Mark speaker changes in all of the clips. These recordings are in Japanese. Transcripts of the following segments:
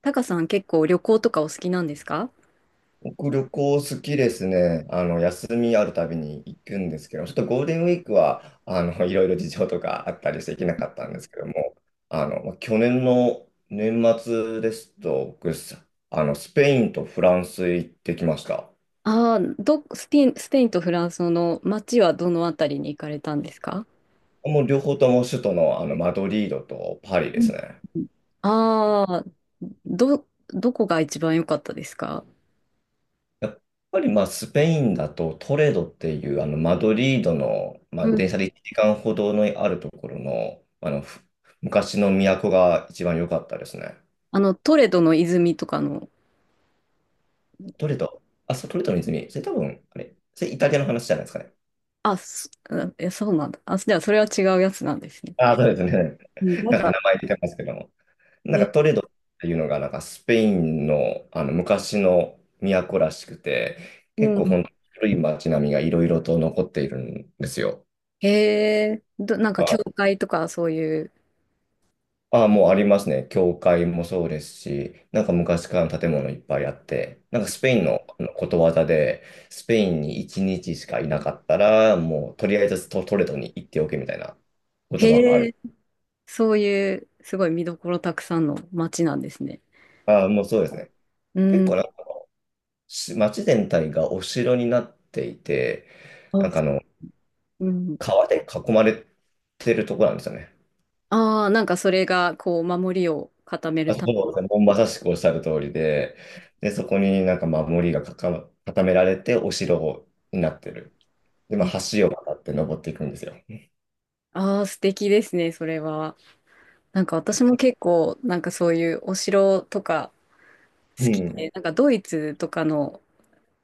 Speaker 1: タカさん、結構旅行とかお好きなんですか？
Speaker 2: 僕、旅行好きですね。休みあるたびに行くんですけど、ちょっとゴールデンウィークは、いろいろ事情とかあったりして行けなかったんですけども、まあ去年の年末ですと、僕、スペインとフランス行ってきました。
Speaker 1: ああー、スペインとフランスの街はどのあたりに行かれたんですか？
Speaker 2: もう両方とも首都の、マドリードとパリ
Speaker 1: う
Speaker 2: です
Speaker 1: ん。
Speaker 2: ね。
Speaker 1: ああー。どこが一番良かったですか？
Speaker 2: やっぱりまあスペインだとトレドっていうマドリードの、まあ、
Speaker 1: う
Speaker 2: 電
Speaker 1: ん。
Speaker 2: 車で1時間ほどのあるところの、あのふ昔の都が一番良かったですね。
Speaker 1: あの、トレドの泉とかの。
Speaker 2: トレド、あ、そう、トレドの泉、それ多分、あれ、それイタリアの話じゃないですかね。
Speaker 1: あ、そ、あえ、そうなんだ。あ、じゃあそれは違うやつなんですね。
Speaker 2: ああ、そうですね。
Speaker 1: うん。 なん
Speaker 2: なんか
Speaker 1: か、
Speaker 2: 名前出てますけども。なん
Speaker 1: え、
Speaker 2: かトレドっていうのがなんかスペインの、昔の都らしくて、結
Speaker 1: う
Speaker 2: 構
Speaker 1: ん。
Speaker 2: 本当に古い街並みがいろいろと残っているんですよ。
Speaker 1: へえ、なんか教会とかそういう。
Speaker 2: ああ、もうありますね。教会もそうですし、なんか昔からの建物いっぱいあって、なんかスペインのことわざで、スペインに1日しかいなかったら、もうとりあえずトレドに行っておけみたいな言葉があ
Speaker 1: へ
Speaker 2: る。
Speaker 1: え、そういうすごい見どころたくさんの街なんですね。
Speaker 2: ああ、もうそうですね。
Speaker 1: う
Speaker 2: 結構
Speaker 1: ん。
Speaker 2: なんか街全体がお城になっていて、
Speaker 1: あ、
Speaker 2: なんかあの、
Speaker 1: うん。
Speaker 2: 川で囲まれてるところなんですよね。
Speaker 1: ああ、なんかそれが、こう、守りを固める
Speaker 2: あ、そ
Speaker 1: た
Speaker 2: うですね。もうまさしくおっしゃる通りで、で、そこになんか守りが固められてお城になってる。で、ま
Speaker 1: め。
Speaker 2: あ、
Speaker 1: え、
Speaker 2: 橋を渡って登っていくんですよ。
Speaker 1: ああ、素敵ですね、それは。なんか私も結構、なんかそういうお城とか
Speaker 2: う
Speaker 1: 好き
Speaker 2: ん。
Speaker 1: で、なんかドイツとかの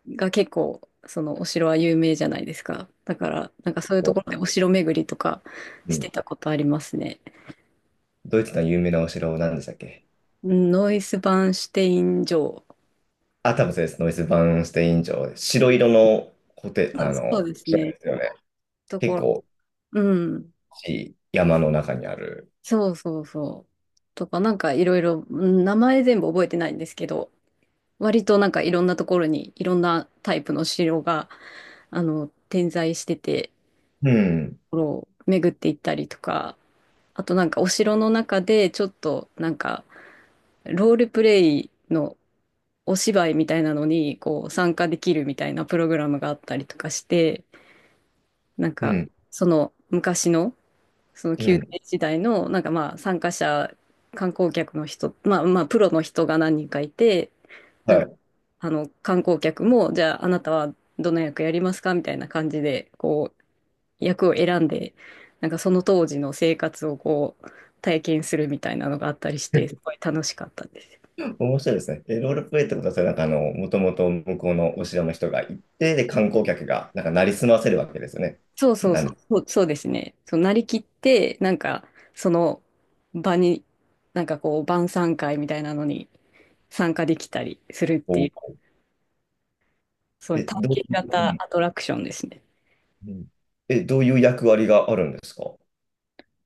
Speaker 1: が結構、そのお城は有名じゃないですか。だから、なんかそういうところで
Speaker 2: こ
Speaker 1: お城巡りとか
Speaker 2: う、う
Speaker 1: し
Speaker 2: ん。
Speaker 1: てたことありますね。
Speaker 2: ドイツの有名なお城、なんでしたっけ？
Speaker 1: うん、ノイスバンシュテイン城。
Speaker 2: あ、多分そうです。ノイスバーンシュテイン城、白色のコテ、
Speaker 1: そうで
Speaker 2: あ
Speaker 1: す、そう
Speaker 2: の、
Speaker 1: です
Speaker 2: 城
Speaker 1: ね。
Speaker 2: ですよね。
Speaker 1: と
Speaker 2: 結
Speaker 1: ころ、
Speaker 2: 構、
Speaker 1: うん。
Speaker 2: いい山の中にある。
Speaker 1: そうそうそう。とか、なんかいろいろ、うん、名前全部覚えてないんですけど、割となんかいろんなところにいろんなタイプの城が、あの、点在してて、
Speaker 2: うん。
Speaker 1: ところを巡っていったりとか、あとなんかお城の中でちょっとなんかロールプレイのお芝居みたいなのにこう参加できるみたいなプログラムがあったりとかして、なん
Speaker 2: う
Speaker 1: か
Speaker 2: ん。
Speaker 1: その昔のその
Speaker 2: う
Speaker 1: 宮
Speaker 2: ん。
Speaker 1: 廷時代の、なんかまあ参加者、観光客の人、まあまあプロの人が何人かいて、なん
Speaker 2: は
Speaker 1: か
Speaker 2: い。
Speaker 1: あの観光客も、じゃああなたはどの役やりますかみたいな感じで、こう役を選んで、なんかその当時の生活をこう体験するみたいなのがあったりして、すご い楽しかったです。
Speaker 2: 面白いですね。で、ロールプレイってことは、それもともと向こうのお城の人が行って、で、観光客が、なんか、なりすませるわけですよね。
Speaker 1: そうそう
Speaker 2: なん
Speaker 1: そう、
Speaker 2: で、
Speaker 1: そうそうですね。そう、なりきって、なんかその場に、なんかこう晩餐会みたいなのに参加できたりするってい
Speaker 2: こ
Speaker 1: う、
Speaker 2: う、
Speaker 1: そういう
Speaker 2: え、
Speaker 1: 体
Speaker 2: どう
Speaker 1: 験型
Speaker 2: いう、
Speaker 1: アトラクションですね。
Speaker 2: うんうん、え、どういう役割があるんですか？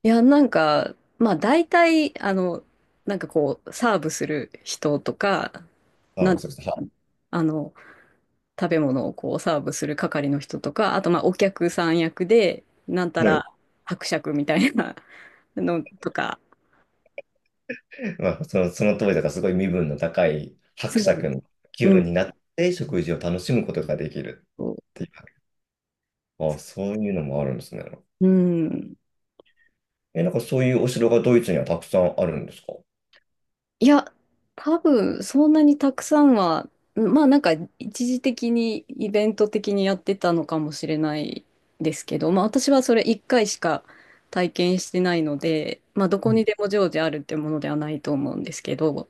Speaker 1: いや、なんか、まあ大体、あの、なんかこう、サーブする人とか、な
Speaker 2: あ、
Speaker 1: ん、
Speaker 2: そうです。
Speaker 1: あの、食べ物をこうサーブする係の人とか、あとまあお客さん役で、なんた
Speaker 2: もう
Speaker 1: ら伯爵みたいなのとか、
Speaker 2: まあ、その当時だからすごい身分の高い
Speaker 1: そ
Speaker 2: 伯爵の気
Speaker 1: う、うん、
Speaker 2: 分になって食事を楽しむことができるっ
Speaker 1: そ
Speaker 2: ていう。あ、そういうのもあるんですね。
Speaker 1: う、うん、
Speaker 2: え、なんかそういうお城がドイツにはたくさんあるんですか？
Speaker 1: いや、多分そんなにたくさんは、うん、まあなんか一時的にイベント的にやってたのかもしれないですけど、まあ私はそれ1回しか体験してないので、まあど
Speaker 2: う
Speaker 1: こ
Speaker 2: ん。
Speaker 1: にでも常時あるってものではないと思うんですけど、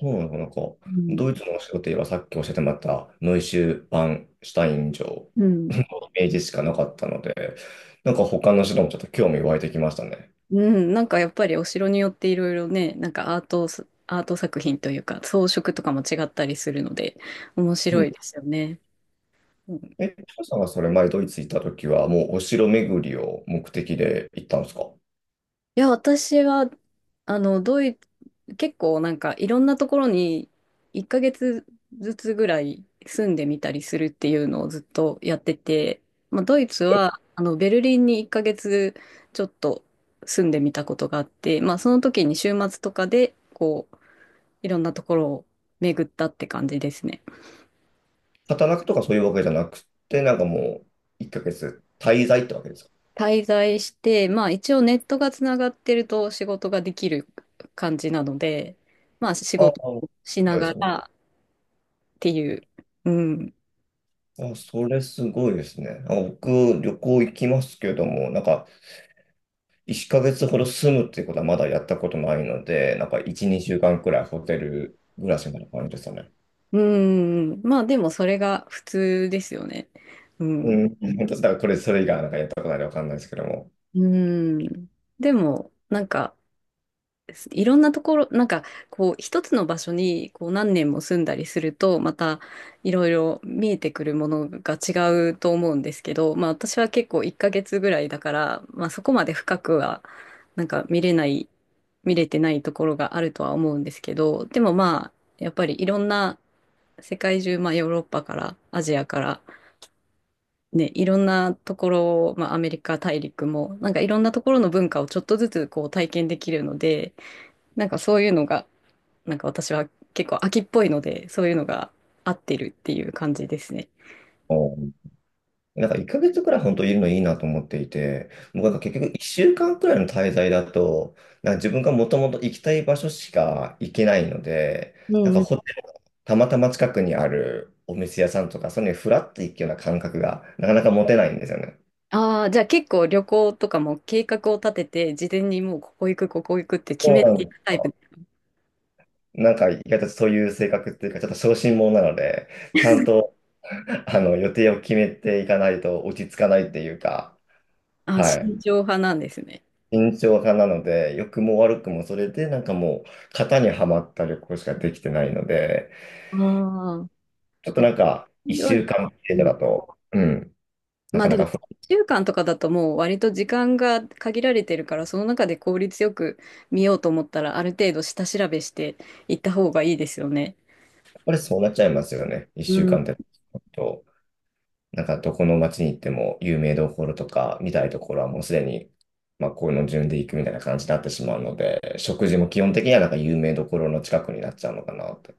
Speaker 2: そうなのか、なんか、
Speaker 1: うん。
Speaker 2: ドイツのお城といえばさっき教えてもらったノイシュバンシュタイン城、
Speaker 1: うん、
Speaker 2: イメージしかなかったので、なんか他の城もちょっと興味湧いてきましたね。
Speaker 1: うん、なんかやっぱりお城によっていろいろね、なんかアート作品というか装飾とかも違ったりするので面
Speaker 2: う
Speaker 1: 白
Speaker 2: ん。
Speaker 1: いですよね。うん、い
Speaker 2: え、トシさんがそれ前ドイツ行った時はもうお城巡りを目的で行ったんですか？
Speaker 1: や、私はあの結構なんかいろんなところに1ヶ月ずつぐらい住んでみたりするっていうのをずっとやってて、まあ、ドイツはあのベルリンに1ヶ月ちょっと住んでみたことがあって、まあ、その時に週末とかでこういろんなところを巡ったって感じですね。
Speaker 2: 働くとかそういうわけじゃなくて、なんかもう、1ヶ月滞在ってわけですか。
Speaker 1: 滞在して、まあ、一応ネットがつながってると仕事ができる感じなので、まあ、仕
Speaker 2: ああ、
Speaker 1: 事
Speaker 2: そ
Speaker 1: をし
Speaker 2: う
Speaker 1: な
Speaker 2: です
Speaker 1: が
Speaker 2: よね。
Speaker 1: らっていう、うん、
Speaker 2: あ、それすごいですね。あ、僕、旅行行きますけども、なんか、1ヶ月ほど住むっていうことはまだやったことないので、なんか、1、2週間くらいホテル暮らしみたいな感じですよね。
Speaker 1: うん。まあでもそれが普通ですよね。う
Speaker 2: う
Speaker 1: ん。
Speaker 2: ん、本当だからこれ、それ以外はなんかやったことないのでわかんないですけども。
Speaker 1: うん。でも、なんか、いろんなところ、なんか、こう、一つの場所に、こう、何年も住んだりすると、また、いろいろ見えてくるものが違うと思うんですけど、まあ、私は結構1ヶ月ぐらいだから、まあ、そこまで深くは、なんか、見れてないところがあるとは思うんですけど、でもまあ、やっぱりいろんな世界中、まあ、ヨーロッパから、アジアから、ね、いろんなところを、まあ、アメリカ大陸も、なんかいろんなところの文化をちょっとずつこう体験できるので、なんかそういうのが、なんか私は結構秋っぽいので、そういうのが合ってるっていう感じですね。
Speaker 2: なんか1ヶ月くらい本当いるのいいなと思っていて、もうなんか結局1週間くらいの滞在だと、なんか自分がもともと行きたい場所しか行けないので、
Speaker 1: う
Speaker 2: なん
Speaker 1: ん
Speaker 2: か
Speaker 1: うん。
Speaker 2: ホテルたまたま近くにあるお店屋さんとか、そういうのにフラッと行くような感覚がなかなか持てないんですよね。
Speaker 1: ああ、じゃあ結構旅行とかも計画を立てて、事前にもうここ行く、ここ行くって決
Speaker 2: そ
Speaker 1: め
Speaker 2: うな
Speaker 1: て
Speaker 2: ん
Speaker 1: い
Speaker 2: で
Speaker 1: く
Speaker 2: す。
Speaker 1: タイプ。
Speaker 2: なんか意外とそういう性格っていうか、ちょっと小心者なので、ちゃんと 予定を決めていかないと落ち着かないっていうか、
Speaker 1: ああ、
Speaker 2: はい。
Speaker 1: 慎重派なんですね。
Speaker 2: 慎重派なので、良くも悪くもそれでなんかもう型にはまった旅行しかできてないので、
Speaker 1: ああ。
Speaker 2: ちょっとなんか一週間
Speaker 1: う
Speaker 2: 程度
Speaker 1: ん、
Speaker 2: だと、うん、な
Speaker 1: まあ
Speaker 2: か
Speaker 1: で
Speaker 2: な
Speaker 1: も、
Speaker 2: か不安、
Speaker 1: 1週間とかだともう割と時間が限られてるから、その中で効率よく見ようと思ったら、ある程度下調べしていった方がいいですよね。
Speaker 2: やっぱりそうなっちゃいますよね。一
Speaker 1: う
Speaker 2: 週
Speaker 1: ん。
Speaker 2: 間ってと、なんかどこの街に行っても有名どころとか見たいところはもうすでに、まあこういうの順で行くみたいな感じになってしまうので、食事も基本的にはなんか有名どころの近くになっちゃうのかなと。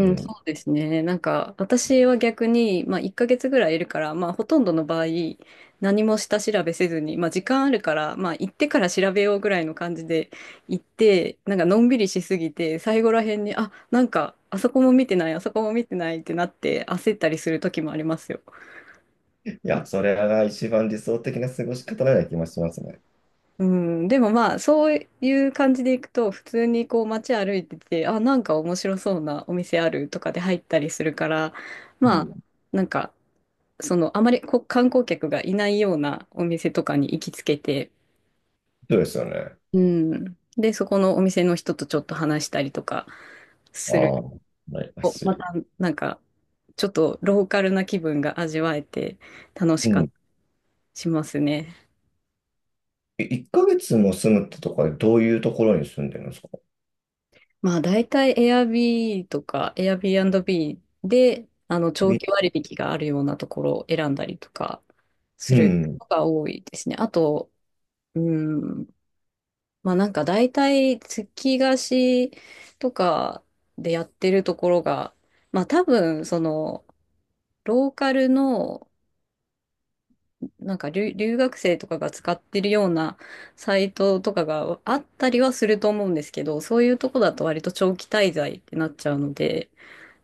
Speaker 2: う
Speaker 1: ん、そ
Speaker 2: ん。
Speaker 1: うですね。なんか、私は逆に、まあ、1ヶ月ぐらいいるから、まあ、ほとんどの場合、何も下調べせずに、まあ、時間あるから、まあ、行ってから調べようぐらいの感じで行って、なんか、のんびりしすぎて、最後らへんに、あ、なんか、あそこも見てない、あそこも見てないってなって、焦ったりする時もありますよ。
Speaker 2: いや、それが一番理想的な過ごし方なような気もしますね。
Speaker 1: うん、でもまあそういう感じで行くと普通にこう街歩いてて、あ、なんか面白そうなお店あるとかで入ったりするから、
Speaker 2: う
Speaker 1: まあ
Speaker 2: ん。
Speaker 1: なんかそのあまりこう観光客がいないようなお店とかに行きつけて、
Speaker 2: そうですよね。
Speaker 1: うん、でそこのお店の人とちょっと話したりとかする
Speaker 2: ああ、羨ま
Speaker 1: と、
Speaker 2: し
Speaker 1: また
Speaker 2: い。
Speaker 1: なんかちょっとローカルな気分が味わえて楽し
Speaker 2: う
Speaker 1: かった
Speaker 2: ん。
Speaker 1: りしますね。
Speaker 2: え、1ヶ月も住むってとかでどういうところに住んでるんですか？
Speaker 1: まあ大体 Airb n b とか Airbnb であの長期
Speaker 2: び、
Speaker 1: 割引があるようなところを選んだりとかす
Speaker 2: う
Speaker 1: る
Speaker 2: ん。
Speaker 1: ことが多いですね。あと、うん、まあなんか大体月貸しとかでやってるところが、まあ多分そのローカルのなんか留学生とかが使ってるようなサイトとかがあったりはすると思うんですけど、そういうとこだと割と長期滞在ってなっちゃうので、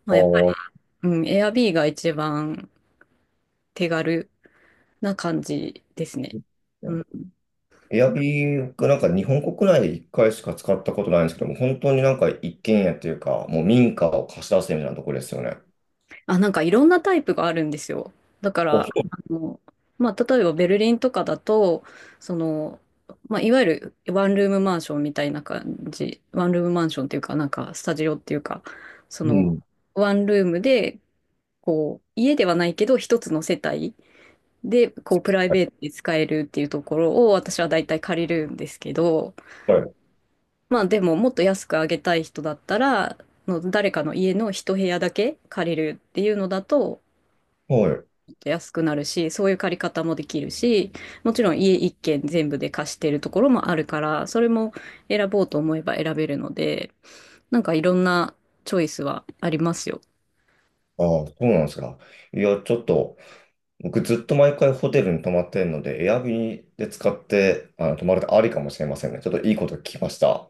Speaker 1: ま
Speaker 2: あ
Speaker 1: あ、やっぱ、
Speaker 2: あ。
Speaker 1: うん、エアビーが一番手軽な感じですね。うん。
Speaker 2: エアビーがなんか日本国内で1回しか使ったことないんですけども、本当になんか一軒家っていうか、もう民家を貸し出すみたいなところですよね。あ、
Speaker 1: あ、なんかいろんなタイプがあるんですよ。だから、
Speaker 2: そ
Speaker 1: あの、まあ、例えばベルリンとかだと、その、まあ、いわゆるワンルームマンションみたいな感じ、ワンルームマンションっていうか、なんかスタジオっていうか、そ
Speaker 2: う。う
Speaker 1: の、
Speaker 2: ん。
Speaker 1: ワンルームで、こう、家ではないけど、一つの世帯で、こう、プライベート
Speaker 2: は
Speaker 1: で使えるっていうところを私は大体借りるんですけど、
Speaker 2: い。
Speaker 1: まあでももっと安くあげたい人だったら、の誰かの家の一部屋だけ借りるっていうのだと、
Speaker 2: はい。
Speaker 1: もっと安くなるし、そういう借り方もできるし、もちろん家一軒全部で貸してるところもあるから、それも選ぼうと思えば選べるので、なんかいろんなチョイスはありますよ。
Speaker 2: ああ、そうなんですか。いや、ちょっと、僕ずっと毎回ホテルに泊まってるので、エアビーで使って、あの、泊まるってありかもしれませんね。ちょっといいこと聞きました。